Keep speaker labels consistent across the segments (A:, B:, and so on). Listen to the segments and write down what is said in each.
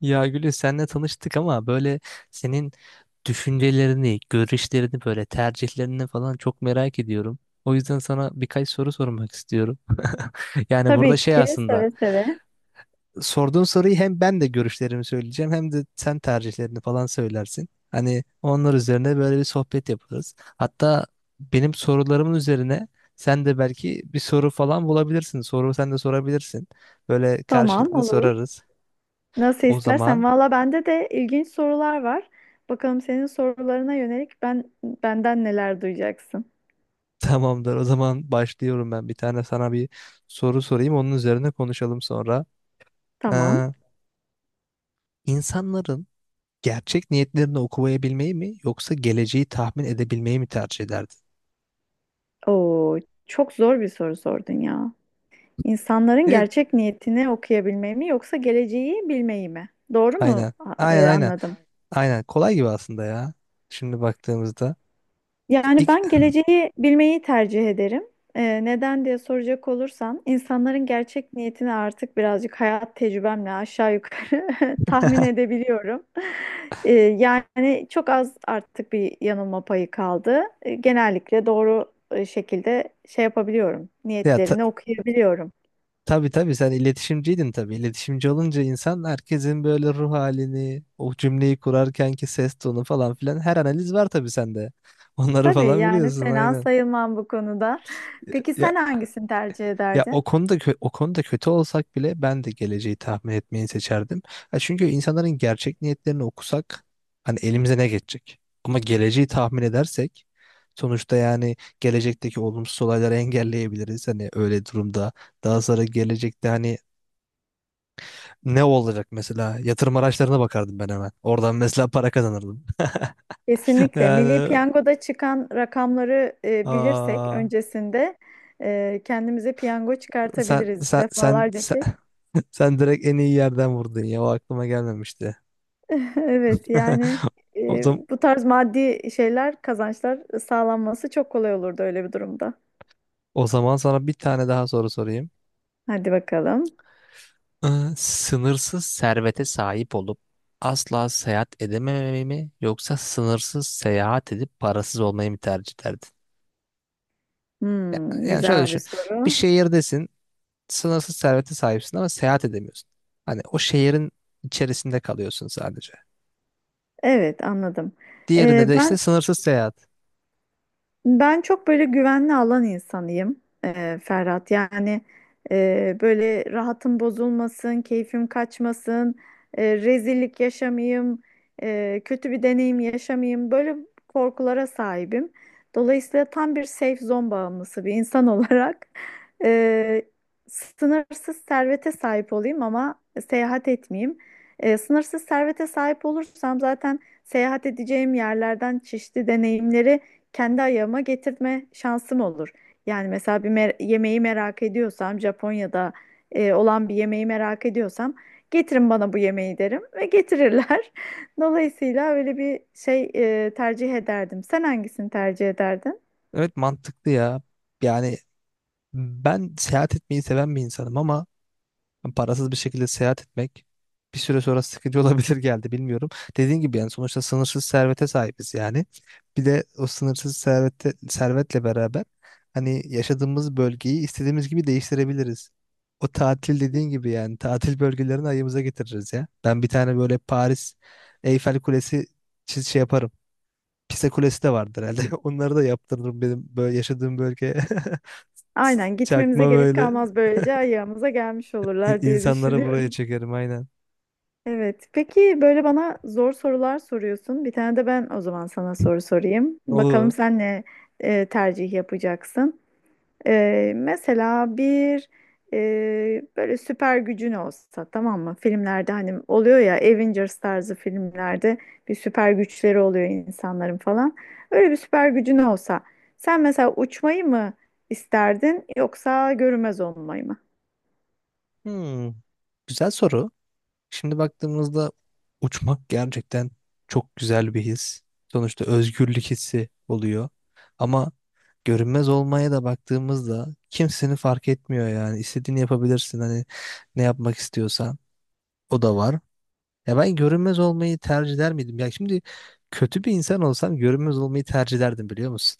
A: Ya Gülü, senle tanıştık ama böyle senin düşüncelerini, görüşlerini, böyle tercihlerini falan çok merak ediyorum. O yüzden sana birkaç soru sormak istiyorum. Yani burada
B: Tabii
A: şey
B: ki
A: aslında,
B: seve seve.
A: sorduğun soruyu hem ben de görüşlerimi söyleyeceğim hem de sen tercihlerini falan söylersin. Hani onlar üzerine böyle bir sohbet yaparız. Hatta benim sorularımın üzerine sen de belki bir soru falan bulabilirsin. Soru sen de sorabilirsin. Böyle
B: Tamam,
A: karşılıklı
B: olur.
A: sorarız.
B: Nasıl
A: O
B: istersen.
A: zaman
B: Valla bende de ilginç sorular var. Bakalım senin sorularına yönelik benden neler duyacaksın.
A: tamamdır. O zaman başlıyorum ben. Bir tane sana bir soru sorayım. Onun üzerine konuşalım sonra.
B: Tamam.
A: Ee, insanların gerçek niyetlerini okuyabilmeyi mi yoksa geleceği tahmin edebilmeyi mi tercih ederdin?
B: Oo, çok zor bir soru sordun ya. İnsanların
A: E,
B: gerçek niyetini okuyabilmeyi mi yoksa geleceği bilmeyi mi? Doğru mu
A: aynen. Aynen aynen.
B: anladım?
A: Aynen. Kolay gibi aslında ya. Şimdi baktığımızda.
B: Yani
A: İlk,
B: ben geleceği bilmeyi tercih ederim. Neden diye soracak olursan, insanların gerçek niyetini artık birazcık hayat tecrübemle aşağı yukarı tahmin edebiliyorum. Yani çok az artık bir yanılma payı kaldı. Genellikle doğru şekilde şey yapabiliyorum,
A: ya ta,
B: niyetlerini okuyabiliyorum.
A: tabii tabii, sen iletişimciydin tabii. İletişimci olunca insan herkesin böyle ruh halini, o cümleyi kurarkenki ses tonu falan filan, her analiz var tabii sende. Onları
B: Tabii,
A: falan
B: yani
A: biliyorsun,
B: fena
A: aynen.
B: sayılmam bu konuda. Peki
A: Ya
B: sen hangisini tercih
A: Ya
B: ederdin?
A: o konuda o konuda kötü olsak bile ben de geleceği tahmin etmeyi seçerdim. Ya çünkü insanların gerçek niyetlerini okusak hani elimize ne geçecek? Ama geleceği tahmin edersek sonuçta, yani gelecekteki olumsuz olayları engelleyebiliriz. Hani öyle durumda daha sonra gelecekte hani ne olacak, mesela yatırım araçlarına bakardım ben hemen. Oradan mesela para kazanırdım.
B: Kesinlikle. Milli
A: Yani
B: Piyango'da çıkan rakamları bilirsek
A: aa,
B: öncesinde kendimize piyango
A: sen
B: çıkartabiliriz
A: sen sen
B: defalarca
A: sen,
B: ki.
A: sen direkt en iyi yerden vurdun ya, o aklıma gelmemişti.
B: Evet, yani
A: O zaman,
B: bu tarz maddi şeyler, kazançlar sağlanması çok kolay olurdu öyle bir durumda.
A: o zaman sana bir tane daha soru sorayım.
B: Hadi bakalım.
A: Ee, Sınırsız servete sahip olup asla seyahat edememeyi mi yoksa sınırsız seyahat edip parasız olmayı mı tercih ederdin?
B: Hmm,
A: Yani şöyle
B: güzel bir
A: düşün. Bir
B: soru.
A: şehirdesin, sınırsız servete sahipsin ama seyahat edemiyorsun. Hani o şehrin içerisinde kalıyorsun sadece.
B: Evet, anladım.
A: Diğerinde
B: E,
A: de işte
B: ben
A: sınırsız seyahat.
B: Ben çok böyle güvenli alan insanıyım, Ferhat. Yani böyle rahatım bozulmasın, keyfim kaçmasın, rezillik yaşamayayım, kötü bir deneyim yaşamayayım. Böyle korkulara sahibim. Dolayısıyla tam bir safe zone bağımlısı bir insan olarak e, sınırsız servete sahip olayım ama seyahat etmeyeyim. Sınırsız servete sahip olursam zaten seyahat edeceğim yerlerden çeşitli deneyimleri kendi ayağıma getirme şansım olur. Yani mesela yemeği merak ediyorsam Japonya'da olan bir yemeği merak ediyorsam getirin bana bu yemeği derim ve getirirler. Dolayısıyla öyle bir şey tercih ederdim. Sen hangisini tercih ederdin?
A: Evet, mantıklı ya. Yani ben seyahat etmeyi seven bir insanım ama parasız bir şekilde seyahat etmek bir süre sonra sıkıcı olabilir geldi, bilmiyorum. Dediğim gibi, yani sonuçta sınırsız servete sahibiz yani. Bir de o sınırsız servetle beraber hani yaşadığımız bölgeyi istediğimiz gibi değiştirebiliriz. O tatil dediğin gibi, yani tatil bölgelerini ayımıza getiririz ya. Ben bir tane böyle Paris Eyfel Kulesi çiz şey yaparım. Pisa Kulesi de vardır herhalde. Onları da yaptırırım benim böyle yaşadığım bölgeye.
B: Aynen, gitmemize
A: Çakma
B: gerek
A: böyle
B: kalmaz, böylece ayağımıza gelmiş olurlar diye
A: insanları buraya
B: düşünüyorum.
A: çekerim, aynen.
B: Evet. Peki, böyle bana zor sorular soruyorsun. Bir tane de ben o zaman sana soru sorayım. Bakalım
A: Olur.
B: sen ne tercih yapacaksın? Mesela bir böyle süper gücün olsa, tamam mı? Filmlerde hani oluyor ya, Avengers tarzı filmlerde bir süper güçleri oluyor insanların falan. Öyle bir süper gücün olsa sen mesela uçmayı mı isterdin yoksa görünmez olmayı mı?
A: Hmm, güzel soru. Şimdi baktığımızda uçmak gerçekten çok güzel bir his. Sonuçta özgürlük hissi oluyor. Ama görünmez olmaya da baktığımızda kimsenin fark etmiyor yani. İstediğini yapabilirsin, hani ne yapmak istiyorsan o da var. Ya ben görünmez olmayı tercih eder miydim? Ya şimdi kötü bir insan olsam görünmez olmayı tercih ederdim, biliyor musun?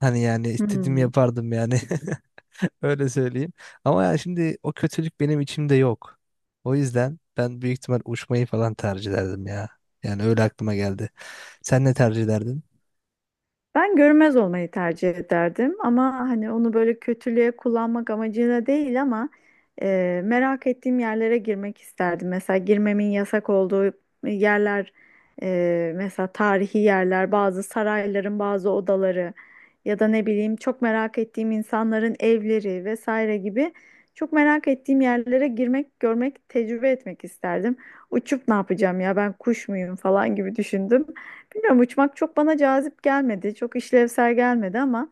A: Hani yani istediğimi
B: Hmm.
A: yapardım yani. Öyle söyleyeyim. Ama ya şimdi o kötülük benim içimde yok. O yüzden ben büyük ihtimal uçmayı falan tercih ederdim ya. Yani öyle aklıma geldi. Sen ne tercih ederdin?
B: Ben görünmez olmayı tercih ederdim ama hani onu böyle kötülüğe kullanmak amacıyla değil ama merak ettiğim yerlere girmek isterdim. Mesela girmemin yasak olduğu yerler, mesela tarihi yerler, bazı sarayların bazı odaları ya da ne bileyim çok merak ettiğim insanların evleri vesaire gibi çok merak ettiğim yerlere girmek, görmek, tecrübe etmek isterdim. Uçup ne yapacağım ya, ben kuş muyum falan gibi düşündüm. Bilmiyorum, uçmak çok bana cazip gelmedi. Çok işlevsel gelmedi ama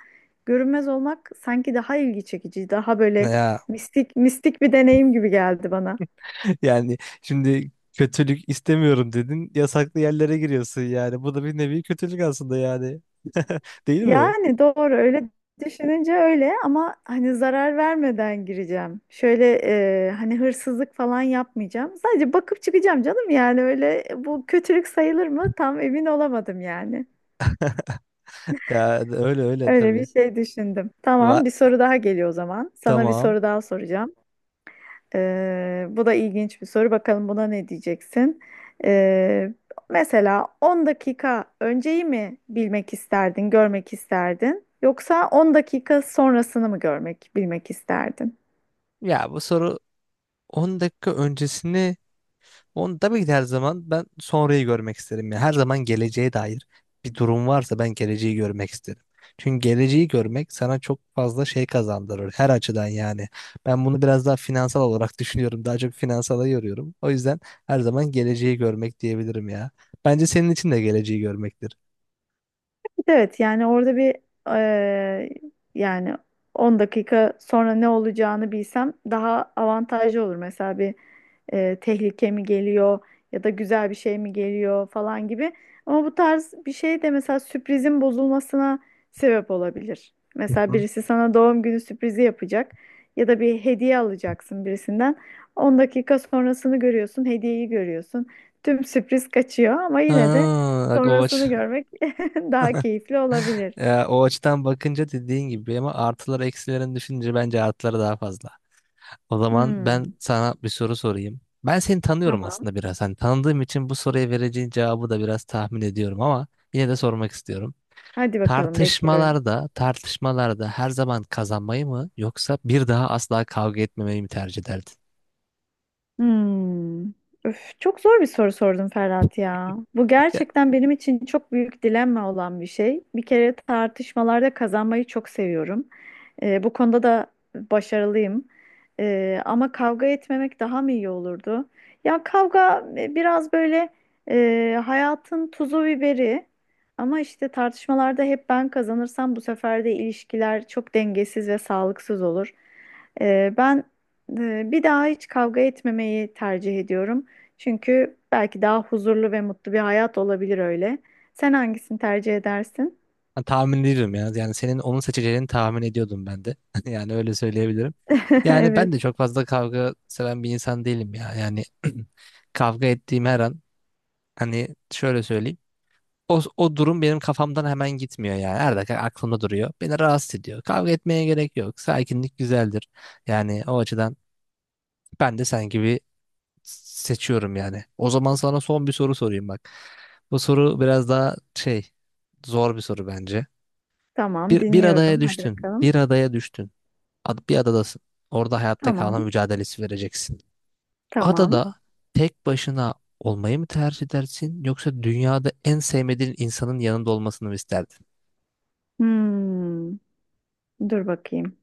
B: görünmez olmak sanki daha ilgi çekici, daha
A: Ne
B: böyle
A: ya,
B: mistik mistik bir deneyim gibi geldi bana.
A: yani şimdi kötülük istemiyorum dedin. Yasaklı yerlere giriyorsun yani. Bu da bir nevi kötülük aslında yani. Değil mi?
B: Yani doğru, öyle düşününce öyle ama hani zarar vermeden gireceğim. Şöyle hani hırsızlık falan yapmayacağım. Sadece bakıp çıkacağım canım, yani öyle bu kötülük sayılır mı? Tam emin olamadım yani.
A: Ya öyle öyle
B: Öyle bir
A: tabii.
B: şey düşündüm.
A: Va
B: Tamam, bir soru daha geliyor o zaman. Sana bir
A: tamam.
B: soru daha soracağım. Bu da ilginç bir soru. Bakalım buna ne diyeceksin? Ee, Mesela 10 dakika önceyi mi bilmek isterdin, görmek isterdin? Yoksa 10 dakika sonrasını mı görmek, bilmek isterdin?
A: Ya bu soru, 10 dakika öncesini, onu tabii ki de. Her zaman ben sonrayı görmek isterim. Yani her zaman geleceğe dair bir durum varsa ben geleceği görmek isterim. Çünkü geleceği görmek sana çok fazla şey kazandırır her açıdan yani. Ben bunu biraz daha finansal olarak düşünüyorum. Daha çok finansala yoruyorum. O yüzden her zaman geleceği görmek diyebilirim ya. Bence senin için de geleceği görmektir.
B: Evet, yani orada bir eee, yani 10 dakika sonra ne olacağını bilsem daha avantajlı olur. Mesela bir tehlike mi geliyor ya da güzel bir şey mi geliyor falan gibi. Ama bu tarz bir şey de mesela sürprizin bozulmasına sebep olabilir.
A: Hı
B: Mesela
A: hı.
B: birisi sana doğum günü sürprizi yapacak ya da bir hediye alacaksın birisinden. 10 dakika sonrasını görüyorsun, hediyeyi görüyorsun. Tüm sürpriz kaçıyor ama yine de
A: Aa, bak o aç.
B: sonrasını görmek daha keyifli olabilir.
A: Ya, o açıdan bakınca dediğin gibi ama artıları eksilerini düşününce bence artıları daha fazla. O zaman
B: Hmm,
A: ben sana bir soru sorayım. Ben seni tanıyorum
B: tamam.
A: aslında biraz. Hani tanıdığım için bu soruya vereceğin cevabı da biraz tahmin ediyorum ama yine de sormak istiyorum.
B: Hadi bakalım, bekliyorum.
A: Tartışmalarda her zaman kazanmayı mı yoksa bir daha asla kavga etmemeyi mi tercih ederdin?
B: Hmm. Öf, çok zor bir soru sordun Ferhat ya. Bu gerçekten benim için çok büyük dilemma olan bir şey. Bir kere tartışmalarda kazanmayı çok seviyorum. Bu konuda da başarılıyım. Ama kavga etmemek daha mı iyi olurdu? Ya kavga biraz böyle hayatın tuzu biberi. Ama işte tartışmalarda hep ben kazanırsam bu sefer de ilişkiler çok dengesiz ve sağlıksız olur. Ben Bir daha hiç kavga etmemeyi tercih ediyorum. Çünkü belki daha huzurlu ve mutlu bir hayat olabilir öyle. Sen hangisini tercih edersin?
A: Ya, tahmin ediyorum ya. Yani senin onun seçeceğini tahmin ediyordum ben de. Yani öyle söyleyebilirim. Yani ben
B: Evet,
A: de çok fazla kavga seven bir insan değilim ya. Yani kavga ettiğim her an, hani şöyle söyleyeyim. O, o durum benim kafamdan hemen gitmiyor yani. Her dakika aklımda duruyor. Beni rahatsız ediyor. Kavga etmeye gerek yok. Sakinlik güzeldir. Yani o açıdan ben de sen gibi seçiyorum yani. O zaman sana son bir soru sorayım bak. Bu soru biraz daha şey, zor bir soru bence.
B: tamam,
A: Bir adaya
B: dinliyorum. Hadi
A: düştün.
B: bakalım.
A: Bir adaya düştün. Bir adadasın. Orada hayatta kalma
B: Tamam,
A: mücadelesi vereceksin.
B: tamam.
A: Adada tek başına olmayı mı tercih edersin yoksa dünyada en sevmediğin insanın yanında olmasını mı isterdin?
B: Hmm, dur bakayım.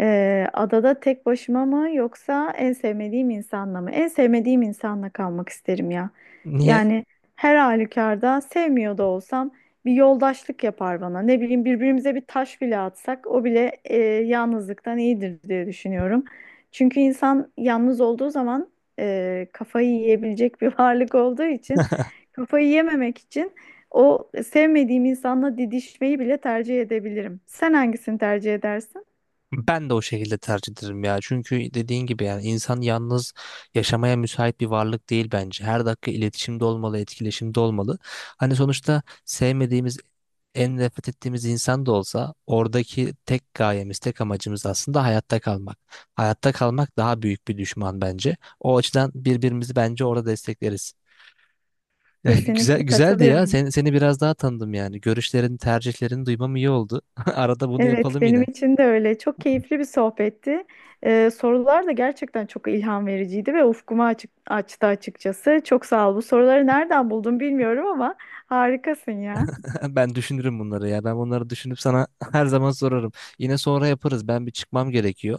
B: Adada tek başıma mı yoksa en sevmediğim insanla mı? En sevmediğim insanla kalmak isterim ya.
A: Niye?
B: Yani her halükarda sevmiyor da olsam bir yoldaşlık yapar bana. Ne bileyim, birbirimize bir taş bile atsak o bile yalnızlıktan iyidir diye düşünüyorum. Çünkü insan yalnız olduğu zaman kafayı yiyebilecek bir varlık olduğu için kafayı yememek için o sevmediğim insanla didişmeyi bile tercih edebilirim. Sen hangisini tercih edersin?
A: Ben de o şekilde tercih ederim ya. Çünkü dediğin gibi, yani insan yalnız yaşamaya müsait bir varlık değil bence. Her dakika iletişimde olmalı, etkileşimde olmalı. Hani sonuçta sevmediğimiz, en nefret ettiğimiz insan da olsa oradaki tek gayemiz, tek amacımız aslında hayatta kalmak. Hayatta kalmak daha büyük bir düşman bence. O açıdan birbirimizi bence orada destekleriz. Ya, güzel
B: Kesinlikle
A: güzeldi ya.
B: katılıyorum.
A: Seni biraz daha tanıdım yani. Görüşlerini, tercihlerini duymam iyi oldu. Arada bunu
B: Evet,
A: yapalım
B: benim
A: yine.
B: için de öyle. Çok keyifli bir sohbetti. Sorular da gerçekten çok ilham vericiydi ve ufkumu açtı açıkçası. Çok sağ ol. Bu soruları nereden buldun bilmiyorum ama harikasın ya.
A: Ben düşünürüm bunları ya. Ben bunları düşünüp sana her zaman sorarım. Yine sonra yaparız. Ben bir çıkmam gerekiyor.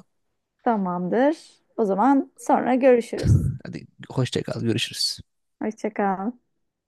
B: Tamamdır. O zaman sonra görüşürüz.
A: Hadi hoşça kal, görüşürüz.
B: Hoşça kal.